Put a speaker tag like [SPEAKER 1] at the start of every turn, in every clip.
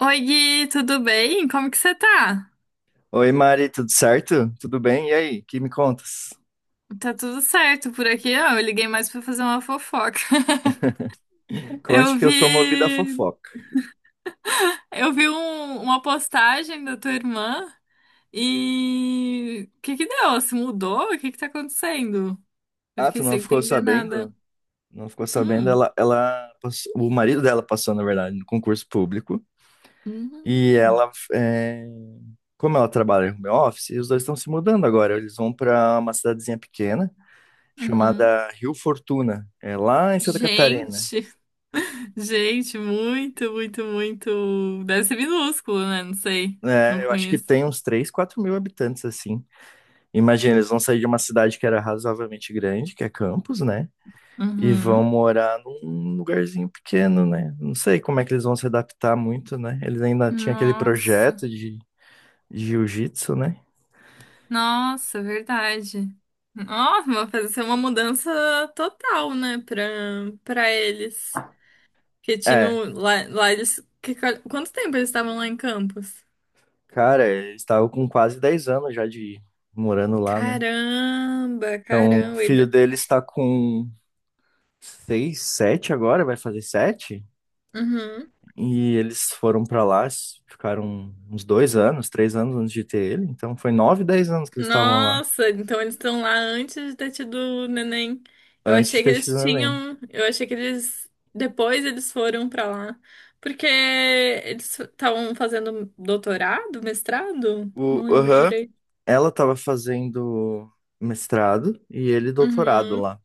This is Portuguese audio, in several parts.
[SPEAKER 1] Oi, Gui, tudo bem? Como que você tá?
[SPEAKER 2] Oi, Mari, tudo certo? Tudo bem? E aí, que me contas?
[SPEAKER 1] Tá tudo certo por aqui? Ah, eu liguei mais pra fazer uma fofoca.
[SPEAKER 2] Conte
[SPEAKER 1] Eu
[SPEAKER 2] que eu sou movido a
[SPEAKER 1] vi,
[SPEAKER 2] fofoca.
[SPEAKER 1] eu vi uma postagem da tua irmã e o que que deu? Ela se mudou? O que que tá acontecendo? Eu
[SPEAKER 2] Ah,
[SPEAKER 1] fiquei
[SPEAKER 2] tu não
[SPEAKER 1] sem
[SPEAKER 2] ficou
[SPEAKER 1] entender nada.
[SPEAKER 2] sabendo? Não ficou sabendo?
[SPEAKER 1] Hum.
[SPEAKER 2] O marido dela passou, na verdade, no concurso público. E
[SPEAKER 1] Hum.
[SPEAKER 2] ela, é, como ela trabalha no meu office, os dois estão se mudando agora. Eles vão para uma cidadezinha pequena
[SPEAKER 1] Uhum.
[SPEAKER 2] chamada Rio Fortuna, é lá em Santa Catarina.
[SPEAKER 1] Gente, gente, muito, muito, muito. Deve ser minúsculo, né? Não sei, não
[SPEAKER 2] É, eu acho que
[SPEAKER 1] conheço.
[SPEAKER 2] tem uns 3, 4 mil habitantes, assim. Imagina, eles vão sair de uma cidade que era razoavelmente grande, que é Campos, né? E vão
[SPEAKER 1] Uhum.
[SPEAKER 2] morar num lugarzinho pequeno, né? Não sei como é que eles vão se adaptar muito, né? Eles ainda tinham aquele
[SPEAKER 1] Nossa.
[SPEAKER 2] projeto de jiu-jitsu, né?
[SPEAKER 1] Nossa, verdade. Nossa, vai fazer uma mudança total, né, pra, pra eles. Que
[SPEAKER 2] É,
[SPEAKER 1] tinham lá, lá eles. Que, quanto tempo eles estavam lá em Campos?
[SPEAKER 2] cara, eles estavam com quase 10 anos já de morando lá, né?
[SPEAKER 1] Caramba,
[SPEAKER 2] Então, o
[SPEAKER 1] caramba.
[SPEAKER 2] filho dele está com 6, 7 agora, vai fazer 7.
[SPEAKER 1] Uhum.
[SPEAKER 2] E eles foram pra lá, ficaram uns 2 anos, 3 anos antes de ter ele. Então, foi 9, 10 anos que eles estavam lá,
[SPEAKER 1] Nossa, então eles estão lá antes de ter tido o neném. Eu
[SPEAKER 2] antes de
[SPEAKER 1] achei que
[SPEAKER 2] ter
[SPEAKER 1] eles
[SPEAKER 2] tido o neném.
[SPEAKER 1] tinham. Eu achei que eles. Depois eles foram pra lá. Porque eles estavam fazendo doutorado, mestrado?
[SPEAKER 2] O,
[SPEAKER 1] Não lembro.
[SPEAKER 2] aham. Ela estava fazendo mestrado e ele doutorado
[SPEAKER 1] Uhum.
[SPEAKER 2] lá.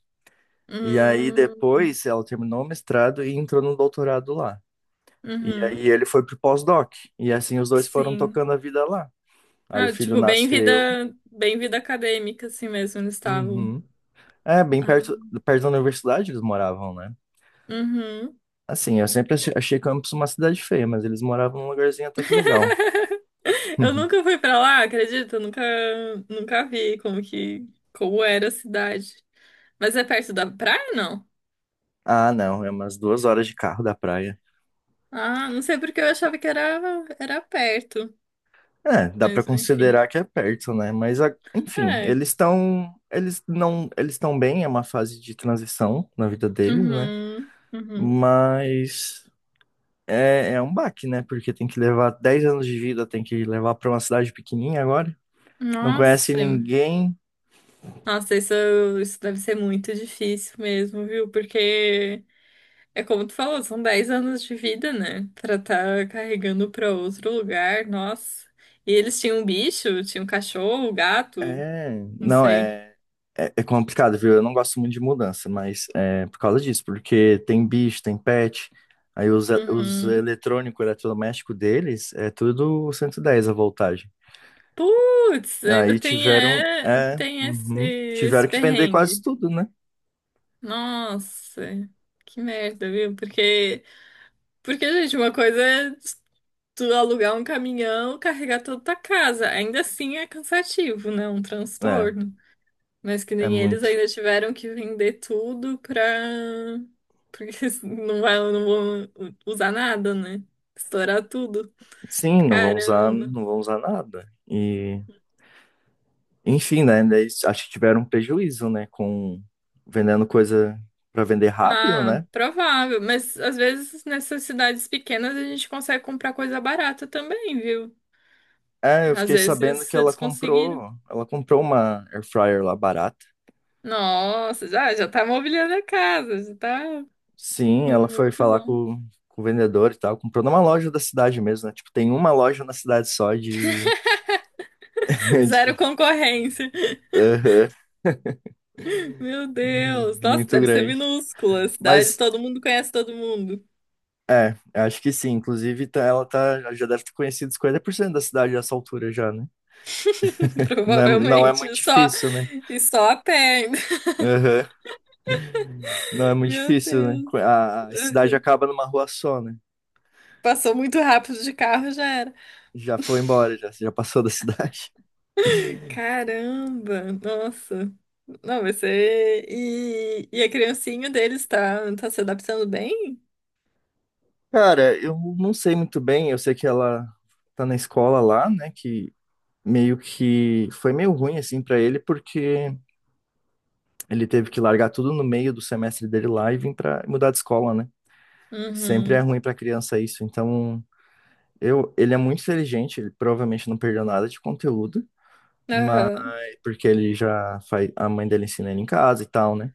[SPEAKER 2] E aí
[SPEAKER 1] Uhum.
[SPEAKER 2] depois ela terminou o mestrado e entrou no doutorado lá. E
[SPEAKER 1] Uhum.
[SPEAKER 2] aí ele foi pro pós-doc. E assim os dois foram
[SPEAKER 1] Sim.
[SPEAKER 2] tocando a vida lá. Aí o
[SPEAKER 1] Ah,
[SPEAKER 2] filho
[SPEAKER 1] tipo, bem
[SPEAKER 2] nasceu.
[SPEAKER 1] vida, bem vida acadêmica, assim mesmo, eles estavam.
[SPEAKER 2] Uhum. É, bem
[SPEAKER 1] Ah,
[SPEAKER 2] perto da universidade eles moravam, né?
[SPEAKER 1] uhum.
[SPEAKER 2] Assim, eu sempre achei Campos uma cidade feia, mas eles moravam num lugarzinho até que legal.
[SPEAKER 1] Eu nunca fui pra lá, acredito, nunca, nunca vi como que, como era a cidade. Mas é perto da praia, não?
[SPEAKER 2] Ah, não, é umas 2 horas de carro da praia.
[SPEAKER 1] Ah, não sei porque eu achava que era perto,
[SPEAKER 2] É, dá para
[SPEAKER 1] mas enfim.
[SPEAKER 2] considerar que é perto, né? Mas, enfim,
[SPEAKER 1] É.
[SPEAKER 2] eles estão, eles não, eles estão bem, é uma fase de transição na vida deles, né?
[SPEAKER 1] Uhum, uhum.
[SPEAKER 2] Mas é um baque, né? Porque tem que levar 10 anos de vida, tem que levar para uma cidade pequenininha agora. Não conhece
[SPEAKER 1] Nossa,
[SPEAKER 2] ninguém.
[SPEAKER 1] nossa, isso deve ser muito difícil mesmo, viu? Porque é como tu falou, são 10 anos de vida, né? Pra tá carregando pra outro lugar, nossa. E eles tinham um bicho, tinham um cachorro, um gato,
[SPEAKER 2] É,
[SPEAKER 1] não
[SPEAKER 2] não,
[SPEAKER 1] sei.
[SPEAKER 2] é, é, é complicado, viu? Eu não gosto muito de mudança, mas é por causa disso, porque tem bicho, tem pet. Aí os
[SPEAKER 1] Uhum.
[SPEAKER 2] eletrônicos, eletrodoméstico deles, é tudo 110 a voltagem.
[SPEAKER 1] Putz, ainda
[SPEAKER 2] Aí
[SPEAKER 1] tem,
[SPEAKER 2] tiveram,
[SPEAKER 1] é,
[SPEAKER 2] é,
[SPEAKER 1] tem esse,
[SPEAKER 2] uhum.
[SPEAKER 1] esse
[SPEAKER 2] tiveram que vender quase
[SPEAKER 1] perrengue.
[SPEAKER 2] tudo, né?
[SPEAKER 1] Nossa, que merda, viu? Porque, gente, uma coisa é tu alugar um caminhão, carregar toda a tua casa. Ainda assim é cansativo, né? Um
[SPEAKER 2] É,
[SPEAKER 1] transtorno. Mas que
[SPEAKER 2] é
[SPEAKER 1] nem eles
[SPEAKER 2] muito.
[SPEAKER 1] ainda tiveram que vender tudo pra. Porque não vai, não vão usar nada, né? Estourar tudo.
[SPEAKER 2] Sim, não vão usar,
[SPEAKER 1] Caramba.
[SPEAKER 2] não vão usar nada. E, enfim, né? Daí, acho que tiveram um prejuízo, né? Com vendendo coisa para vender rápido,
[SPEAKER 1] Ah,
[SPEAKER 2] né?
[SPEAKER 1] provável. Mas às vezes nessas cidades pequenas a gente consegue comprar coisa barata também, viu?
[SPEAKER 2] É, eu
[SPEAKER 1] Às
[SPEAKER 2] fiquei sabendo
[SPEAKER 1] vezes
[SPEAKER 2] que ela
[SPEAKER 1] eles conseguiram.
[SPEAKER 2] comprou, ela comprou uma air fryer lá barata.
[SPEAKER 1] Nossa, já, já tá mobiliando a casa, já tá
[SPEAKER 2] Sim, ela foi
[SPEAKER 1] muito
[SPEAKER 2] falar
[SPEAKER 1] bom.
[SPEAKER 2] com o vendedor e tal, comprou numa loja da cidade mesmo, né? Tipo, tem uma loja na cidade só de,
[SPEAKER 1] Zero
[SPEAKER 2] de-
[SPEAKER 1] concorrência.
[SPEAKER 2] Aham.
[SPEAKER 1] Meu
[SPEAKER 2] Hum.
[SPEAKER 1] Deus, nossa,
[SPEAKER 2] Muito
[SPEAKER 1] deve ser
[SPEAKER 2] grande.
[SPEAKER 1] minúscula. Cidade,
[SPEAKER 2] Mas
[SPEAKER 1] todo mundo conhece todo mundo.
[SPEAKER 2] é, acho que sim. Inclusive, ela tá, já deve ter conhecido 50% da cidade a essa altura já, né? Não é muito
[SPEAKER 1] Provavelmente, só,
[SPEAKER 2] difícil, né?
[SPEAKER 1] e só a pé. Ainda.
[SPEAKER 2] Aham. Não é muito
[SPEAKER 1] Meu
[SPEAKER 2] difícil, né?
[SPEAKER 1] Deus.
[SPEAKER 2] A cidade acaba numa rua só, né?
[SPEAKER 1] Passou muito rápido de carro, já era.
[SPEAKER 2] Já foi embora, já passou da cidade.
[SPEAKER 1] Caramba, nossa. Não, você. E a criancinha deles tá se adaptando bem?
[SPEAKER 2] Cara, eu não sei muito bem. Eu sei que ela tá na escola lá, né? Que meio que foi meio ruim, assim, pra ele, porque ele teve que largar tudo no meio do semestre dele lá e vir pra mudar de escola, né? Sempre é
[SPEAKER 1] Uhum.
[SPEAKER 2] ruim pra criança isso. Então. Eu, ele é muito inteligente, ele provavelmente não perdeu nada de conteúdo, mas
[SPEAKER 1] Aham.
[SPEAKER 2] porque ele já faz, a mãe dele ensina ele em casa e tal, né?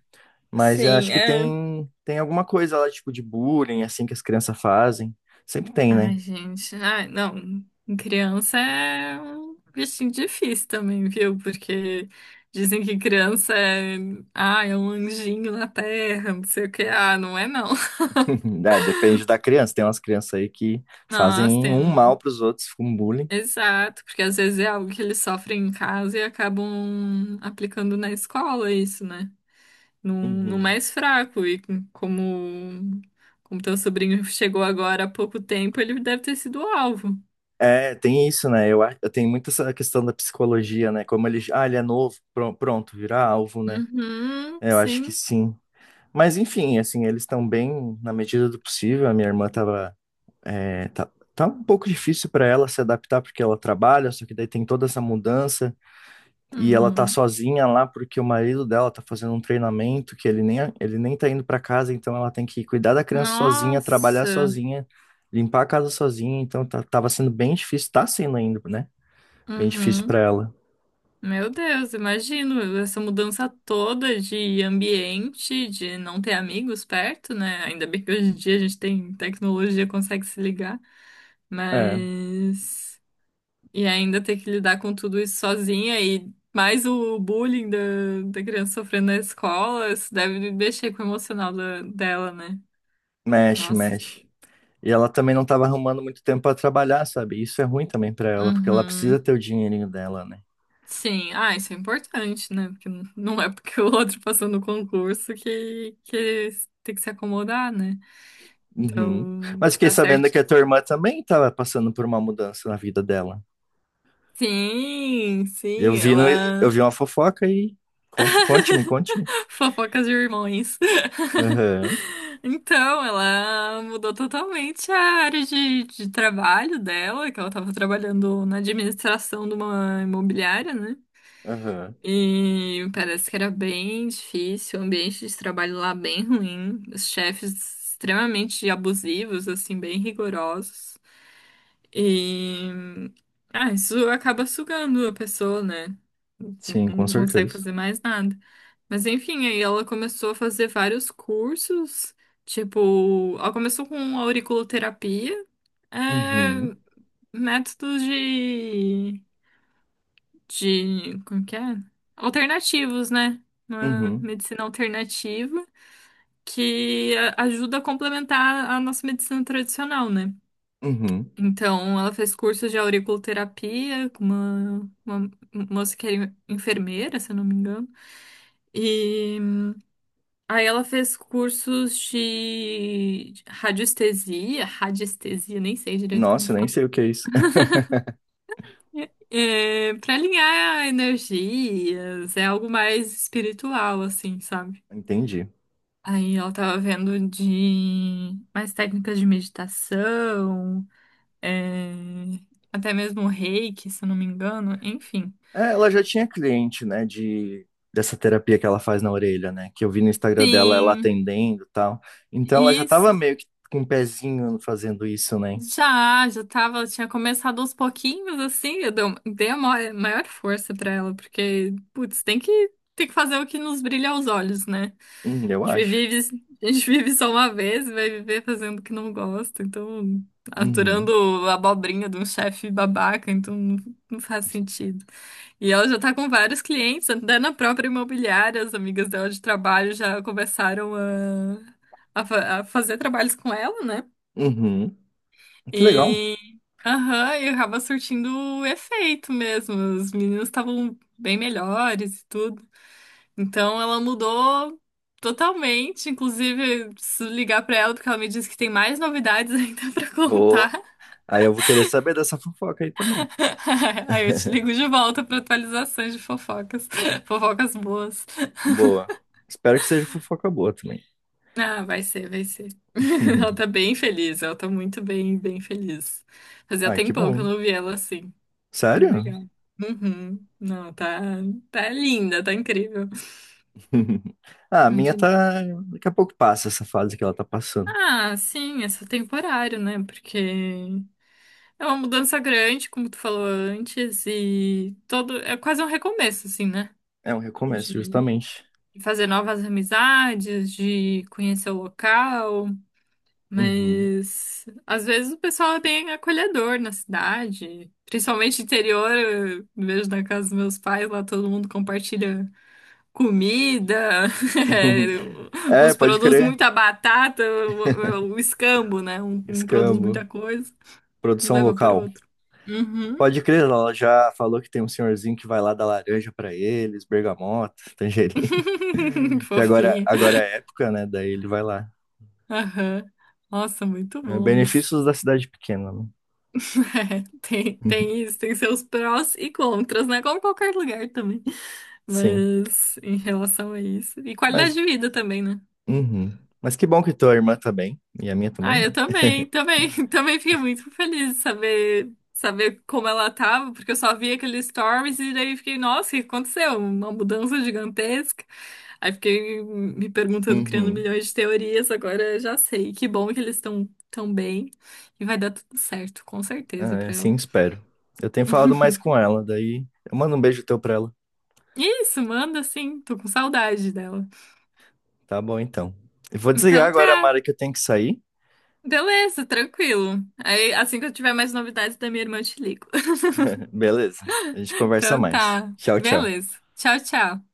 [SPEAKER 2] Mas eu acho
[SPEAKER 1] Sim,
[SPEAKER 2] que
[SPEAKER 1] é.
[SPEAKER 2] tem alguma coisa lá tipo de bullying assim que as crianças fazem. Sempre tem, né?
[SPEAKER 1] Ai, gente. Ai, não. Criança é um bichinho difícil também, viu? Porque dizem que criança é. Ah, é um anjinho na terra, não sei o que. Ah, não é não.
[SPEAKER 2] É, depende da criança. Tem umas crianças aí que
[SPEAKER 1] Nossa,
[SPEAKER 2] fazem um mal
[SPEAKER 1] tem...
[SPEAKER 2] para os outros com bullying.
[SPEAKER 1] Exato, porque às vezes é algo que eles sofrem em casa e acabam aplicando na escola isso, né? No, no
[SPEAKER 2] Uhum.
[SPEAKER 1] mais fraco. E como, como teu sobrinho chegou agora há pouco tempo, ele deve ter sido o alvo.
[SPEAKER 2] É, tem isso, né? Eu, eu tenho muito essa questão da psicologia, né? Como ele, ah, ele é novo, pronto, virar alvo, né?
[SPEAKER 1] Uhum,
[SPEAKER 2] É, eu acho que
[SPEAKER 1] sim.
[SPEAKER 2] sim. Mas enfim, assim, eles estão bem na medida do possível. A minha irmã tava, é, tá, tá um pouco difícil para ela se adaptar porque ela trabalha, só que daí tem toda essa mudança e ela tá
[SPEAKER 1] Uhum.
[SPEAKER 2] sozinha lá porque o marido dela tá fazendo um treinamento que ele nem tá indo para casa, então ela tem que cuidar da criança sozinha, trabalhar
[SPEAKER 1] Nossa.
[SPEAKER 2] sozinha, limpar a casa sozinha, então tá, tava sendo bem difícil, tá sendo ainda, né? Bem difícil para
[SPEAKER 1] Uhum.
[SPEAKER 2] ela.
[SPEAKER 1] Meu Deus, imagino essa mudança toda de ambiente, de não ter amigos perto, né? Ainda bem que hoje em dia a gente tem tecnologia, consegue se ligar.
[SPEAKER 2] É,
[SPEAKER 1] Mas. E ainda ter que lidar com tudo isso sozinha e mais o bullying da criança sofrendo na escola, isso deve mexer com o emocional dela, né?
[SPEAKER 2] mexe,
[SPEAKER 1] Nossa.
[SPEAKER 2] mexe. E ela também não estava arrumando muito tempo para trabalhar, sabe? Isso é ruim também para ela, porque ela precisa
[SPEAKER 1] Uhum.
[SPEAKER 2] ter o dinheirinho dela, né?
[SPEAKER 1] Sim, ah, isso é importante, né? Porque não é porque o outro passou no concurso que tem que se acomodar, né?
[SPEAKER 2] Uhum.
[SPEAKER 1] Então,
[SPEAKER 2] Mas fiquei
[SPEAKER 1] tá
[SPEAKER 2] sabendo
[SPEAKER 1] certo.
[SPEAKER 2] que a tua irmã também estava passando por uma mudança na vida dela.
[SPEAKER 1] Sim,
[SPEAKER 2] Eu
[SPEAKER 1] sim,
[SPEAKER 2] vi no, Eu
[SPEAKER 1] ela.
[SPEAKER 2] vi uma fofoca e conta, conte-me, conte-me.
[SPEAKER 1] Fofocas de irmãos.
[SPEAKER 2] Aham,
[SPEAKER 1] Então, ela mudou totalmente a área de trabalho dela, que ela estava trabalhando na administração de uma imobiliária, né?
[SPEAKER 2] aham.
[SPEAKER 1] E parece que era bem difícil, o ambiente de trabalho lá bem ruim, os chefes extremamente abusivos, assim, bem rigorosos. E ah, isso acaba sugando a pessoa, né?
[SPEAKER 2] Sim,
[SPEAKER 1] Não
[SPEAKER 2] com
[SPEAKER 1] consegue
[SPEAKER 2] certeza.
[SPEAKER 1] fazer mais nada. Mas enfim, aí ela começou a fazer vários cursos, tipo, ela começou com auriculoterapia, é,
[SPEAKER 2] Uhum,
[SPEAKER 1] métodos de, como que é? Alternativos, né? Uma
[SPEAKER 2] uhum,
[SPEAKER 1] medicina alternativa que ajuda a complementar a nossa medicina tradicional, né?
[SPEAKER 2] uhum.
[SPEAKER 1] Então, ela fez curso de auriculoterapia com uma moça que era enfermeira, se eu não me engano. E aí ela fez cursos de radiestesia, radiestesia, nem sei direito como
[SPEAKER 2] Nossa, nem
[SPEAKER 1] fala.
[SPEAKER 2] sei o que é isso.
[SPEAKER 1] É, para alinhar energias, é algo mais espiritual, assim, sabe?
[SPEAKER 2] Entendi.
[SPEAKER 1] Aí ela tava vendo de mais técnicas de meditação, é, até mesmo reiki, se eu não me engano, enfim.
[SPEAKER 2] É, ela já tinha cliente, né, de dessa terapia que ela faz na orelha, né, que eu vi no Instagram dela ela
[SPEAKER 1] Sim.
[SPEAKER 2] atendendo e tal. Então ela já
[SPEAKER 1] E,
[SPEAKER 2] tava meio que com um pezinho fazendo isso, né?
[SPEAKER 1] já, já tava, tinha começado aos pouquinhos, assim, eu dei a maior, maior força pra ela, porque, putz, tem que, fazer o que nos brilha aos olhos, né?
[SPEAKER 2] Eu
[SPEAKER 1] A gente
[SPEAKER 2] acho.
[SPEAKER 1] vive, só uma vez, e vai viver fazendo o que não gosta, então,
[SPEAKER 2] Uhum.
[SPEAKER 1] aturando a abobrinha de um chefe babaca, então não, não faz sentido. E ela já tá com vários clientes, até na própria imobiliária, as amigas dela de trabalho já começaram a fazer trabalhos com ela, né?
[SPEAKER 2] Uhum. Que legal.
[SPEAKER 1] E, aham, e acaba surtindo efeito mesmo. Os meninos estavam bem melhores e tudo. Então ela mudou totalmente. Inclusive, preciso ligar pra ela porque ela me disse que tem mais novidades ainda pra
[SPEAKER 2] Vou.
[SPEAKER 1] contar.
[SPEAKER 2] Aí eu vou querer saber dessa fofoca aí também.
[SPEAKER 1] Aí eu te ligo de volta pra atualizações de fofocas. Fofocas boas.
[SPEAKER 2] Boa. Espero que seja fofoca boa também.
[SPEAKER 1] Ah, vai ser, vai ser. Ela tá bem feliz, ela tá muito bem, bem feliz. Fazia
[SPEAKER 2] Ai, que
[SPEAKER 1] tempão que eu
[SPEAKER 2] bom.
[SPEAKER 1] não vi ela assim. Tá bem
[SPEAKER 2] Sério?
[SPEAKER 1] legal. Uhum. Não, tá linda, tá incrível.
[SPEAKER 2] Ah, a minha
[SPEAKER 1] Muito
[SPEAKER 2] tá.
[SPEAKER 1] linda.
[SPEAKER 2] Daqui a pouco passa essa fase que ela tá passando.
[SPEAKER 1] Ah, sim, é só temporário, né? Porque é uma mudança grande, como tu falou antes, e todo é quase um recomeço, assim, né?
[SPEAKER 2] É um recomeço,
[SPEAKER 1] De
[SPEAKER 2] justamente.
[SPEAKER 1] fazer novas amizades, de conhecer o local.
[SPEAKER 2] Uhum.
[SPEAKER 1] Mas às vezes o pessoal é bem acolhedor na cidade, principalmente interior. Eu vejo na casa dos meus pais, lá todo mundo compartilha comida, é,
[SPEAKER 2] É,
[SPEAKER 1] os
[SPEAKER 2] pode
[SPEAKER 1] produtos
[SPEAKER 2] crer.
[SPEAKER 1] muita batata, o escambo, né? Um produz muita
[SPEAKER 2] Escambo.
[SPEAKER 1] coisa e
[SPEAKER 2] Produção
[SPEAKER 1] leva pro
[SPEAKER 2] local.
[SPEAKER 1] outro. Uhum.
[SPEAKER 2] Pode crer, ela já falou que tem um senhorzinho que vai lá dar laranja pra eles, bergamota, tangerina. Que agora,
[SPEAKER 1] Fofinha.
[SPEAKER 2] agora é época, né? Daí ele vai lá.
[SPEAKER 1] Aham. Nossa, muito
[SPEAKER 2] É,
[SPEAKER 1] bom isso.
[SPEAKER 2] benefícios da cidade pequena, né?
[SPEAKER 1] É, tem,
[SPEAKER 2] Uhum.
[SPEAKER 1] tem isso, tem seus prós e contras, né? Como qualquer lugar também.
[SPEAKER 2] Sim.
[SPEAKER 1] Mas em relação a isso. E qualidade
[SPEAKER 2] Mas,
[SPEAKER 1] de vida também, né?
[SPEAKER 2] uhum. Mas que bom que tua irmã tá bem. E a minha
[SPEAKER 1] Ah,
[SPEAKER 2] também, né?
[SPEAKER 1] eu também, também, também fiquei muito feliz de saber como ela tava, porque eu só vi aqueles stories e daí fiquei, nossa, o que aconteceu? Uma mudança gigantesca. Aí fiquei me perguntando, criando
[SPEAKER 2] Uhum.
[SPEAKER 1] milhões de teorias, agora eu já sei. Que bom que eles estão tão tão bem e vai dar tudo certo, com certeza,
[SPEAKER 2] Ah, é,
[SPEAKER 1] pra ela.
[SPEAKER 2] sim, espero. Eu tenho falado mais com ela, daí eu mando um beijo teu pra ela.
[SPEAKER 1] Isso, manda sim, tô com saudade dela.
[SPEAKER 2] Tá bom, então. Eu vou desligar
[SPEAKER 1] Então
[SPEAKER 2] agora,
[SPEAKER 1] tá,
[SPEAKER 2] Mara, que eu tenho que sair.
[SPEAKER 1] beleza, tranquilo. Aí assim que eu tiver mais novidades da minha irmã, eu te ligo.
[SPEAKER 2] Beleza. A gente conversa
[SPEAKER 1] Então
[SPEAKER 2] mais.
[SPEAKER 1] tá,
[SPEAKER 2] Tchau, tchau.
[SPEAKER 1] beleza. Tchau, tchau.